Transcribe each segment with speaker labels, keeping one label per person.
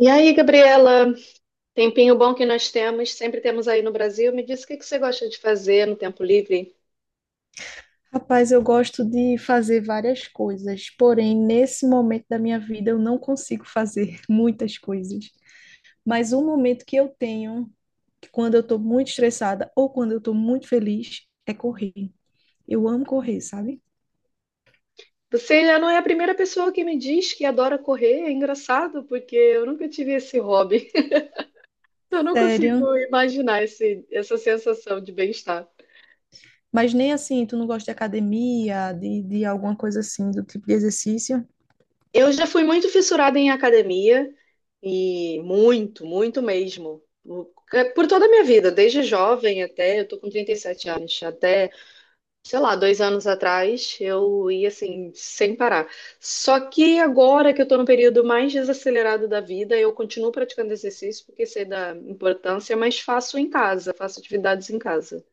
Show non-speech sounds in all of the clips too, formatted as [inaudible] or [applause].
Speaker 1: E aí, Gabriela, tempinho bom que nós temos, sempre temos aí no Brasil. Me diz o que que você gosta de fazer no tempo livre?
Speaker 2: Rapaz, eu gosto de fazer várias coisas, porém, nesse momento da minha vida, eu não consigo fazer [laughs] muitas coisas. Mas um momento que eu tenho, que quando eu estou muito estressada ou quando eu estou muito feliz, é correr. Eu amo correr, sabe?
Speaker 1: Você já não é a primeira pessoa que me diz que adora correr, é engraçado, porque eu nunca tive esse hobby. [laughs] Eu não
Speaker 2: Sério.
Speaker 1: consigo imaginar essa sensação de bem-estar.
Speaker 2: Mas nem assim, tu não gosta de academia, de alguma coisa assim, do tipo de exercício?
Speaker 1: Eu já fui muito fissurada em academia, e muito, muito mesmo. Por toda a minha vida, desde jovem até, eu tô com 37 anos, até sei lá, 2 anos atrás, eu ia assim, sem parar. Só que agora que eu tô no período mais desacelerado da vida, eu continuo praticando exercício porque sei da importância, mas faço em casa, faço atividades em casa.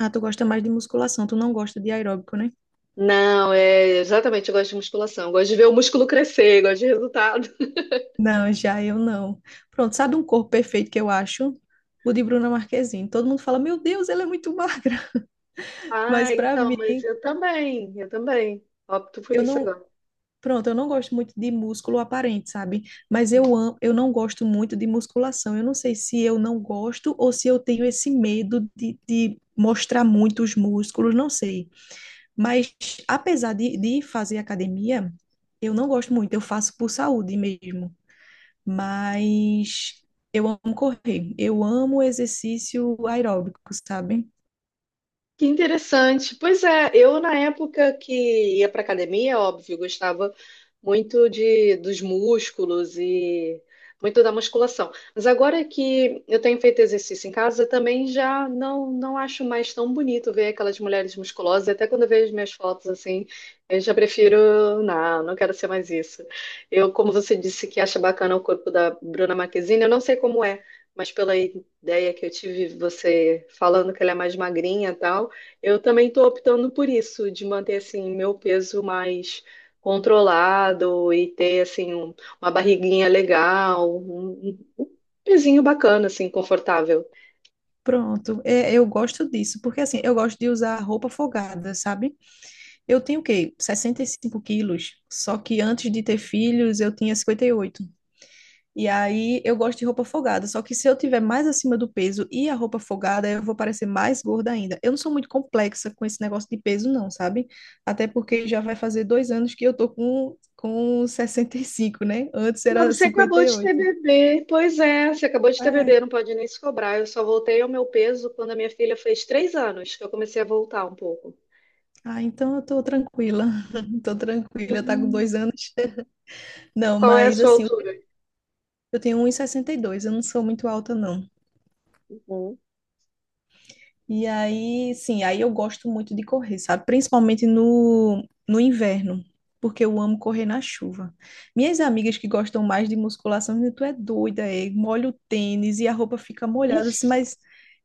Speaker 2: Ah, tu gosta mais de musculação, tu não gosta de aeróbico, né?
Speaker 1: Não, é exatamente, eu gosto de musculação, eu gosto de ver o músculo crescer, eu gosto de resultado. [laughs]
Speaker 2: Não, já eu não. Pronto, sabe um corpo perfeito que eu acho? O de Bruna Marquezine. Todo mundo fala, meu Deus, ela é muito magra. [laughs] Mas
Speaker 1: Ah,
Speaker 2: pra
Speaker 1: então,
Speaker 2: mim,
Speaker 1: mas eu também, eu também. Opto por
Speaker 2: eu
Speaker 1: isso
Speaker 2: não.
Speaker 1: agora.
Speaker 2: Pronto, eu não gosto muito de músculo aparente, sabe? Mas eu amo, eu não gosto muito de musculação. Eu não sei se eu não gosto ou se eu tenho esse medo de mostrar muito os músculos, não sei. Mas apesar de fazer academia, eu não gosto muito. Eu faço por saúde mesmo. Mas eu amo correr, eu amo exercício aeróbico, sabe?
Speaker 1: Que interessante. Pois é, eu na época que ia para academia, óbvio, gostava muito de dos músculos e muito da musculação. Mas agora que eu tenho feito exercício em casa, também já não acho mais tão bonito ver aquelas mulheres musculosas. Até quando eu vejo minhas fotos assim, eu já prefiro, não, não quero ser mais isso. Eu, como você disse que acha bacana o corpo da Bruna Marquezine, eu não sei como é. Mas pela ideia que eu tive, você falando que ela é mais magrinha e tal, eu também estou optando por isso, de manter assim meu peso mais controlado e ter assim uma barriguinha legal, um pezinho bacana, assim, confortável.
Speaker 2: Pronto, é, eu gosto disso, porque assim, eu gosto de usar roupa folgada, sabe? Eu tenho o quê? Sessenta e cinco quilos, só que antes de ter filhos eu tinha 58. E aí eu gosto de roupa folgada, só que se eu tiver mais acima do peso e a roupa folgada, eu vou parecer mais gorda ainda. Eu não sou muito complexa com esse negócio de peso, não, sabe? Até porque já vai fazer dois anos que eu tô com sessenta e cinco, né? Antes era
Speaker 1: Mas você acabou de ter
Speaker 2: 58.
Speaker 1: bebê, pois é, você acabou de ter
Speaker 2: É,
Speaker 1: bebê, não pode nem se cobrar. Eu só voltei ao meu peso quando a minha filha fez 3 anos, que eu comecei a voltar um pouco.
Speaker 2: ah, então eu tô tranquila, [laughs] tô tranquila, tá com
Speaker 1: Sim.
Speaker 2: dois anos. Não,
Speaker 1: Qual é a
Speaker 2: mas
Speaker 1: sua
Speaker 2: assim,
Speaker 1: altura?
Speaker 2: eu tenho um e sessenta e dois, eu não sou muito alta, não.
Speaker 1: Uhum.
Speaker 2: E aí, sim, aí eu gosto muito de correr, sabe? Principalmente no, no inverno, porque eu amo correr na chuva. Minhas amigas que gostam mais de musculação, dizem, tu é doida, é, molha o tênis e a roupa fica molhada, assim, mas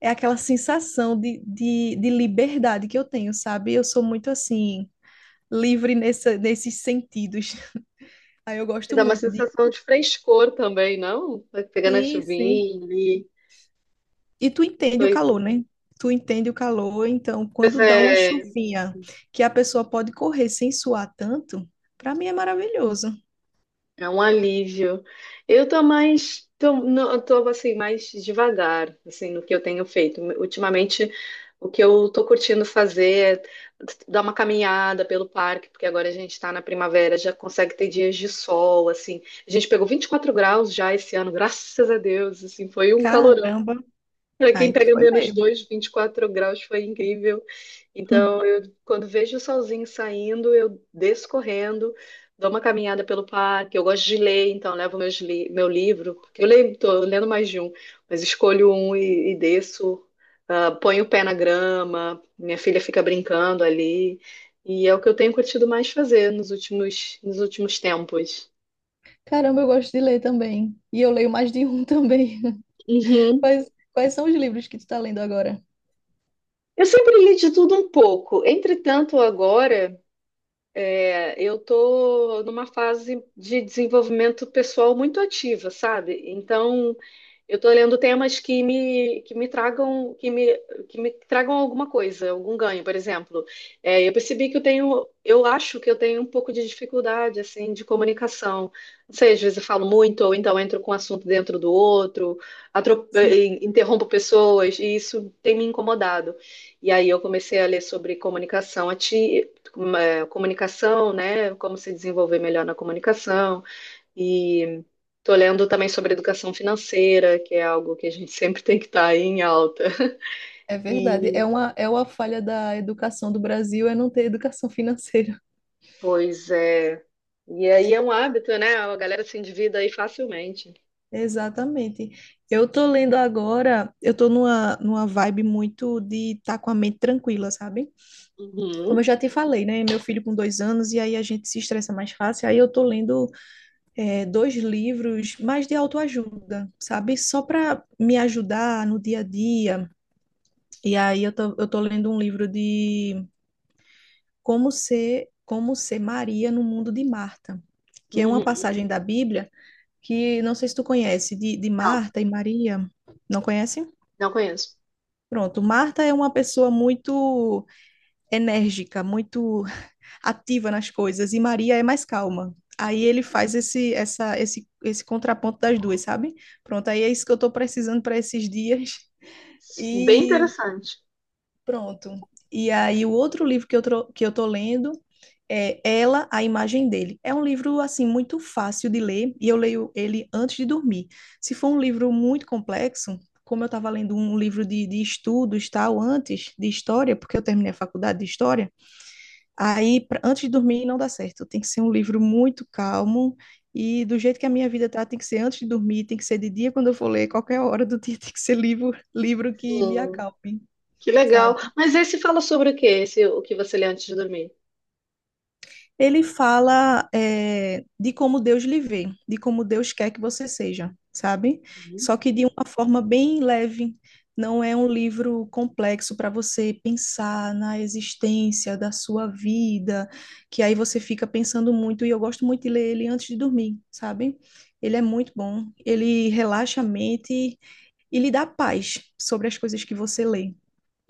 Speaker 2: é aquela sensação de liberdade que eu tenho, sabe? Eu sou muito assim, livre nessa, nesses sentidos. [laughs] Aí eu
Speaker 1: E
Speaker 2: gosto
Speaker 1: dá uma
Speaker 2: muito de.
Speaker 1: sensação de frescor também, não? Vai pegando a
Speaker 2: Sim, sim.
Speaker 1: chuvinha ali.
Speaker 2: E tu entende o
Speaker 1: Pois
Speaker 2: calor, né? Tu entende o calor, então
Speaker 1: pois
Speaker 2: quando
Speaker 1: é,
Speaker 2: dá uma chuvinha que a pessoa pode correr sem suar tanto, para mim é maravilhoso.
Speaker 1: É um alívio. Eu tô mais, tô, não, eu tô assim mais devagar, assim, no que eu tenho feito. Ultimamente, o que eu tô curtindo fazer é dar uma caminhada pelo parque, porque agora a gente tá na primavera, já consegue ter dias de sol, assim. A gente pegou 24 graus já esse ano, graças a Deus, assim, foi um
Speaker 2: Caramba.
Speaker 1: para quem
Speaker 2: Ai, tu
Speaker 1: pega
Speaker 2: foi
Speaker 1: menos
Speaker 2: mesmo.
Speaker 1: dois, 24 graus foi incrível. Então,
Speaker 2: [laughs]
Speaker 1: eu, quando vejo o solzinho saindo, eu desço correndo, dou uma caminhada pelo parque. Eu gosto de ler, então levo meu livro, porque eu leio, tô lendo mais de um, mas escolho um e desço, ah, ponho o pé na grama, minha filha fica brincando ali. E é o que eu tenho curtido mais fazer nos últimos tempos.
Speaker 2: Caramba, eu gosto de ler também. E eu leio mais de um também. [laughs]
Speaker 1: Uhum.
Speaker 2: Quais, quais são os livros que tu tá lendo agora?
Speaker 1: Eu sempre li de tudo um pouco. Entretanto, agora é, eu estou numa fase de desenvolvimento pessoal muito ativa, sabe? Então, eu estou lendo temas que me tragam alguma coisa, algum ganho, por exemplo. É, eu percebi que eu tenho, eu acho que eu tenho um pouco de dificuldade, assim, de comunicação. Não sei, às vezes eu falo muito, ou então entro com um assunto dentro do outro,
Speaker 2: Sim,
Speaker 1: interrompo pessoas, e isso tem me incomodado. E aí eu comecei a ler sobre comunicação ativa, uma comunicação, né? Como se desenvolver melhor na comunicação. E estou lendo também sobre educação financeira, que é algo que a gente [laughs] sempre tem que estar em alta.
Speaker 2: é verdade.
Speaker 1: E,
Speaker 2: É uma falha da educação do Brasil é não ter educação [laughs] financeira.
Speaker 1: pois é. E aí é um hábito, né? A galera se endivida aí facilmente.
Speaker 2: Exatamente. Eu tô lendo agora, eu tô numa, numa vibe muito de estar com a mente tranquila, sabe? Como eu
Speaker 1: Uhum,
Speaker 2: já te falei, né? Meu filho com dois anos, e aí a gente se estressa mais fácil. Aí eu tô lendo dois livros mais de autoajuda, sabe? Só para me ajudar no dia a dia. E aí eu tô lendo um livro de Como Ser, Como Ser Maria no Mundo de Marta, que é uma
Speaker 1: uhum.
Speaker 2: passagem da Bíblia que não sei se tu conhece, de
Speaker 1: Não,
Speaker 2: Marta e Maria. Não conhece?
Speaker 1: não conheço.
Speaker 2: Pronto, Marta é uma pessoa muito enérgica, muito ativa nas coisas e Maria é mais calma. Aí ele faz esse, essa, esse contraponto das duas, sabe? Pronto, aí é isso que eu estou precisando para esses dias.
Speaker 1: Bem
Speaker 2: E
Speaker 1: interessante.
Speaker 2: pronto. E aí o outro livro que eu, tro- que eu tô lendo é Ela, a Imagem Dele. É um livro, assim, muito fácil de ler e eu leio ele antes de dormir. Se for um livro muito complexo, como eu estava lendo um livro de estudos, tal, antes de história, porque eu terminei a faculdade de história. Aí, pra- antes de dormir, não dá certo. Tem que ser um livro muito calmo. E do jeito que a minha vida tá, tem que ser antes de dormir, tem que ser de dia quando eu for ler, qualquer hora do dia [laughs] tem que ser livro, livro que me
Speaker 1: Sim,
Speaker 2: acalme,
Speaker 1: que legal.
Speaker 2: sabe?
Speaker 1: Mas esse fala sobre o quê? Esse, o que você lê antes de dormir?
Speaker 2: Ele fala é, de como Deus lhe vê, de como Deus quer que você seja, sabe?
Speaker 1: Uhum.
Speaker 2: Só que de uma forma bem leve. Não é um livro complexo para você pensar na existência da sua vida, que aí você fica pensando muito. E eu gosto muito de ler ele antes de dormir, sabe? Ele é muito bom. Ele relaxa a mente e lhe dá paz sobre as coisas que você lê.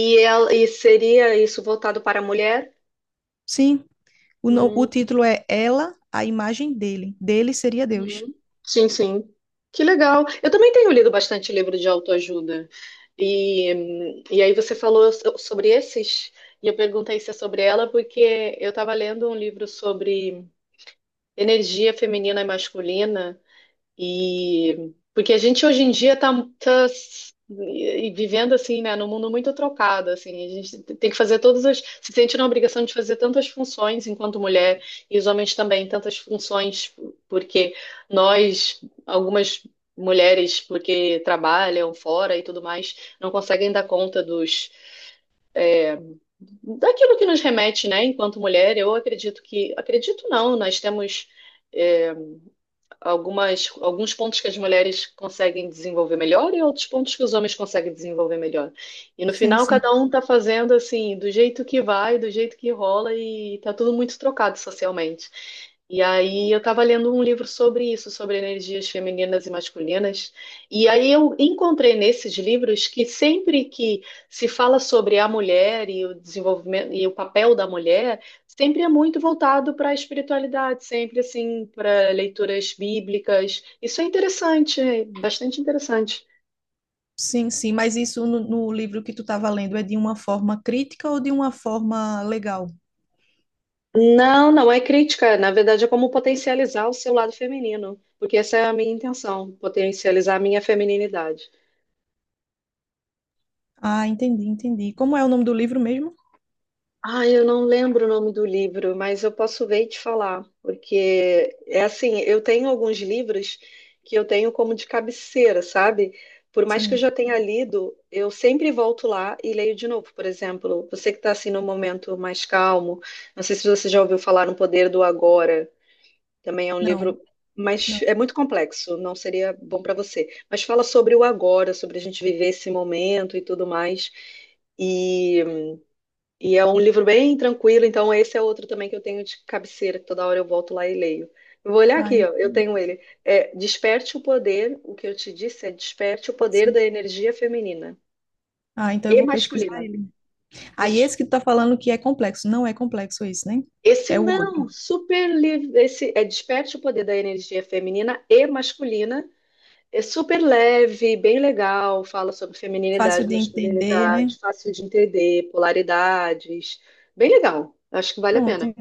Speaker 1: E, e seria isso voltado para a mulher?
Speaker 2: Sim, o, no- o título é Ela, a Imagem Dele. Dele seria Deus.
Speaker 1: Uhum. Sim, sim. Que legal. Eu também tenho lido bastante livro de autoajuda. E aí você falou sobre esses, e eu perguntei se é sobre ela, porque eu estava lendo um livro sobre energia feminina e masculina. E porque a gente hoje em dia está vivendo assim, né, num mundo muito trocado, assim, a gente tem que fazer todas as, se sente na obrigação de fazer tantas funções enquanto mulher e os homens também tantas funções, porque nós, algumas mulheres, porque trabalham fora e tudo mais, não conseguem dar conta dos daquilo que nos remete, né, enquanto mulher. Eu acredito que, acredito não, nós temos é, algumas, alguns pontos que as mulheres conseguem desenvolver melhor e outros pontos que os homens conseguem desenvolver melhor. E no
Speaker 2: Sim,
Speaker 1: final,
Speaker 2: sim.
Speaker 1: cada um tá fazendo assim, do jeito que vai, do jeito que rola, e tá tudo muito trocado socialmente. E aí eu estava lendo um livro sobre isso, sobre energias femininas e masculinas. E aí eu encontrei nesses livros que sempre que se fala sobre a mulher e o desenvolvimento e o papel da mulher, sempre é muito voltado para a espiritualidade, sempre assim, para leituras bíblicas. Isso é interessante, é bastante interessante.
Speaker 2: Sim, sim, mas isso no, no livro que tu estava lendo é de uma forma crítica ou de uma forma legal?
Speaker 1: Não, não é crítica, na verdade é como potencializar o seu lado feminino, porque essa é a minha intenção, potencializar a minha femininidade.
Speaker 2: Ah, entendi, entendi. Como é o nome do livro mesmo?
Speaker 1: Ah, eu não lembro o nome do livro, mas eu posso ver e te falar, porque é assim, eu tenho alguns livros que eu tenho como de cabeceira, sabe? Por mais que eu
Speaker 2: Sim.
Speaker 1: já tenha lido, eu sempre volto lá e leio de novo. Por exemplo, você que está assim num momento mais calmo, não sei se você já ouviu falar no Poder do Agora, também é um
Speaker 2: Não,
Speaker 1: livro, mas
Speaker 2: não.
Speaker 1: é muito complexo, não seria bom para você. Mas fala sobre o agora, sobre a gente viver esse momento e tudo mais. E e é um livro bem tranquilo, então esse é outro também que eu tenho de cabeceira, que toda hora eu volto lá e leio. Eu vou olhar
Speaker 2: Ah,
Speaker 1: aqui, ó, eu
Speaker 2: entendi.
Speaker 1: tenho ele. É Desperte o Poder, o que eu te disse é Desperte o Poder da
Speaker 2: Sim.
Speaker 1: Energia Feminina
Speaker 2: Ah, então eu
Speaker 1: e
Speaker 2: vou
Speaker 1: Masculina.
Speaker 2: pesquisar ele. Aí
Speaker 1: Des-
Speaker 2: esse que tu tá falando que é complexo, não é complexo esse, né?
Speaker 1: Esse
Speaker 2: É o outro.
Speaker 1: não, super livre, esse é Desperte o Poder da Energia Feminina e Masculina. É super leve, bem legal, fala sobre feminilidade,
Speaker 2: Fácil de entender, né?
Speaker 1: masculinidade, fácil de entender, polaridades. Bem legal, acho que vale a
Speaker 2: Pronto.
Speaker 1: pena.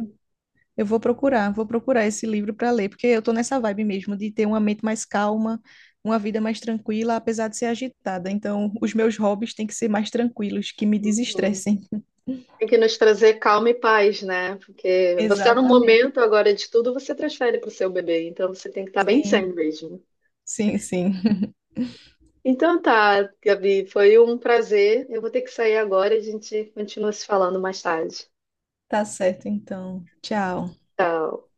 Speaker 2: Eu vou procurar esse livro para ler, porque eu tô nessa vibe mesmo de ter uma mente mais calma, uma vida mais tranquila, apesar de ser agitada. Então, os meus hobbies têm que ser mais tranquilos, que me
Speaker 1: Uhum.
Speaker 2: desestressem.
Speaker 1: Tem que nos trazer calma e paz, né? Porque você tá no
Speaker 2: Exatamente.
Speaker 1: momento agora de tudo você transfere para o seu bebê, então você tem que estar bem
Speaker 2: Sim,
Speaker 1: sendo mesmo.
Speaker 2: sim, sim. [laughs]
Speaker 1: Então tá, Gabi, foi um prazer. Eu vou ter que sair agora e a gente continua se falando mais tarde.
Speaker 2: Tá certo, então. Tchau.
Speaker 1: Tchau.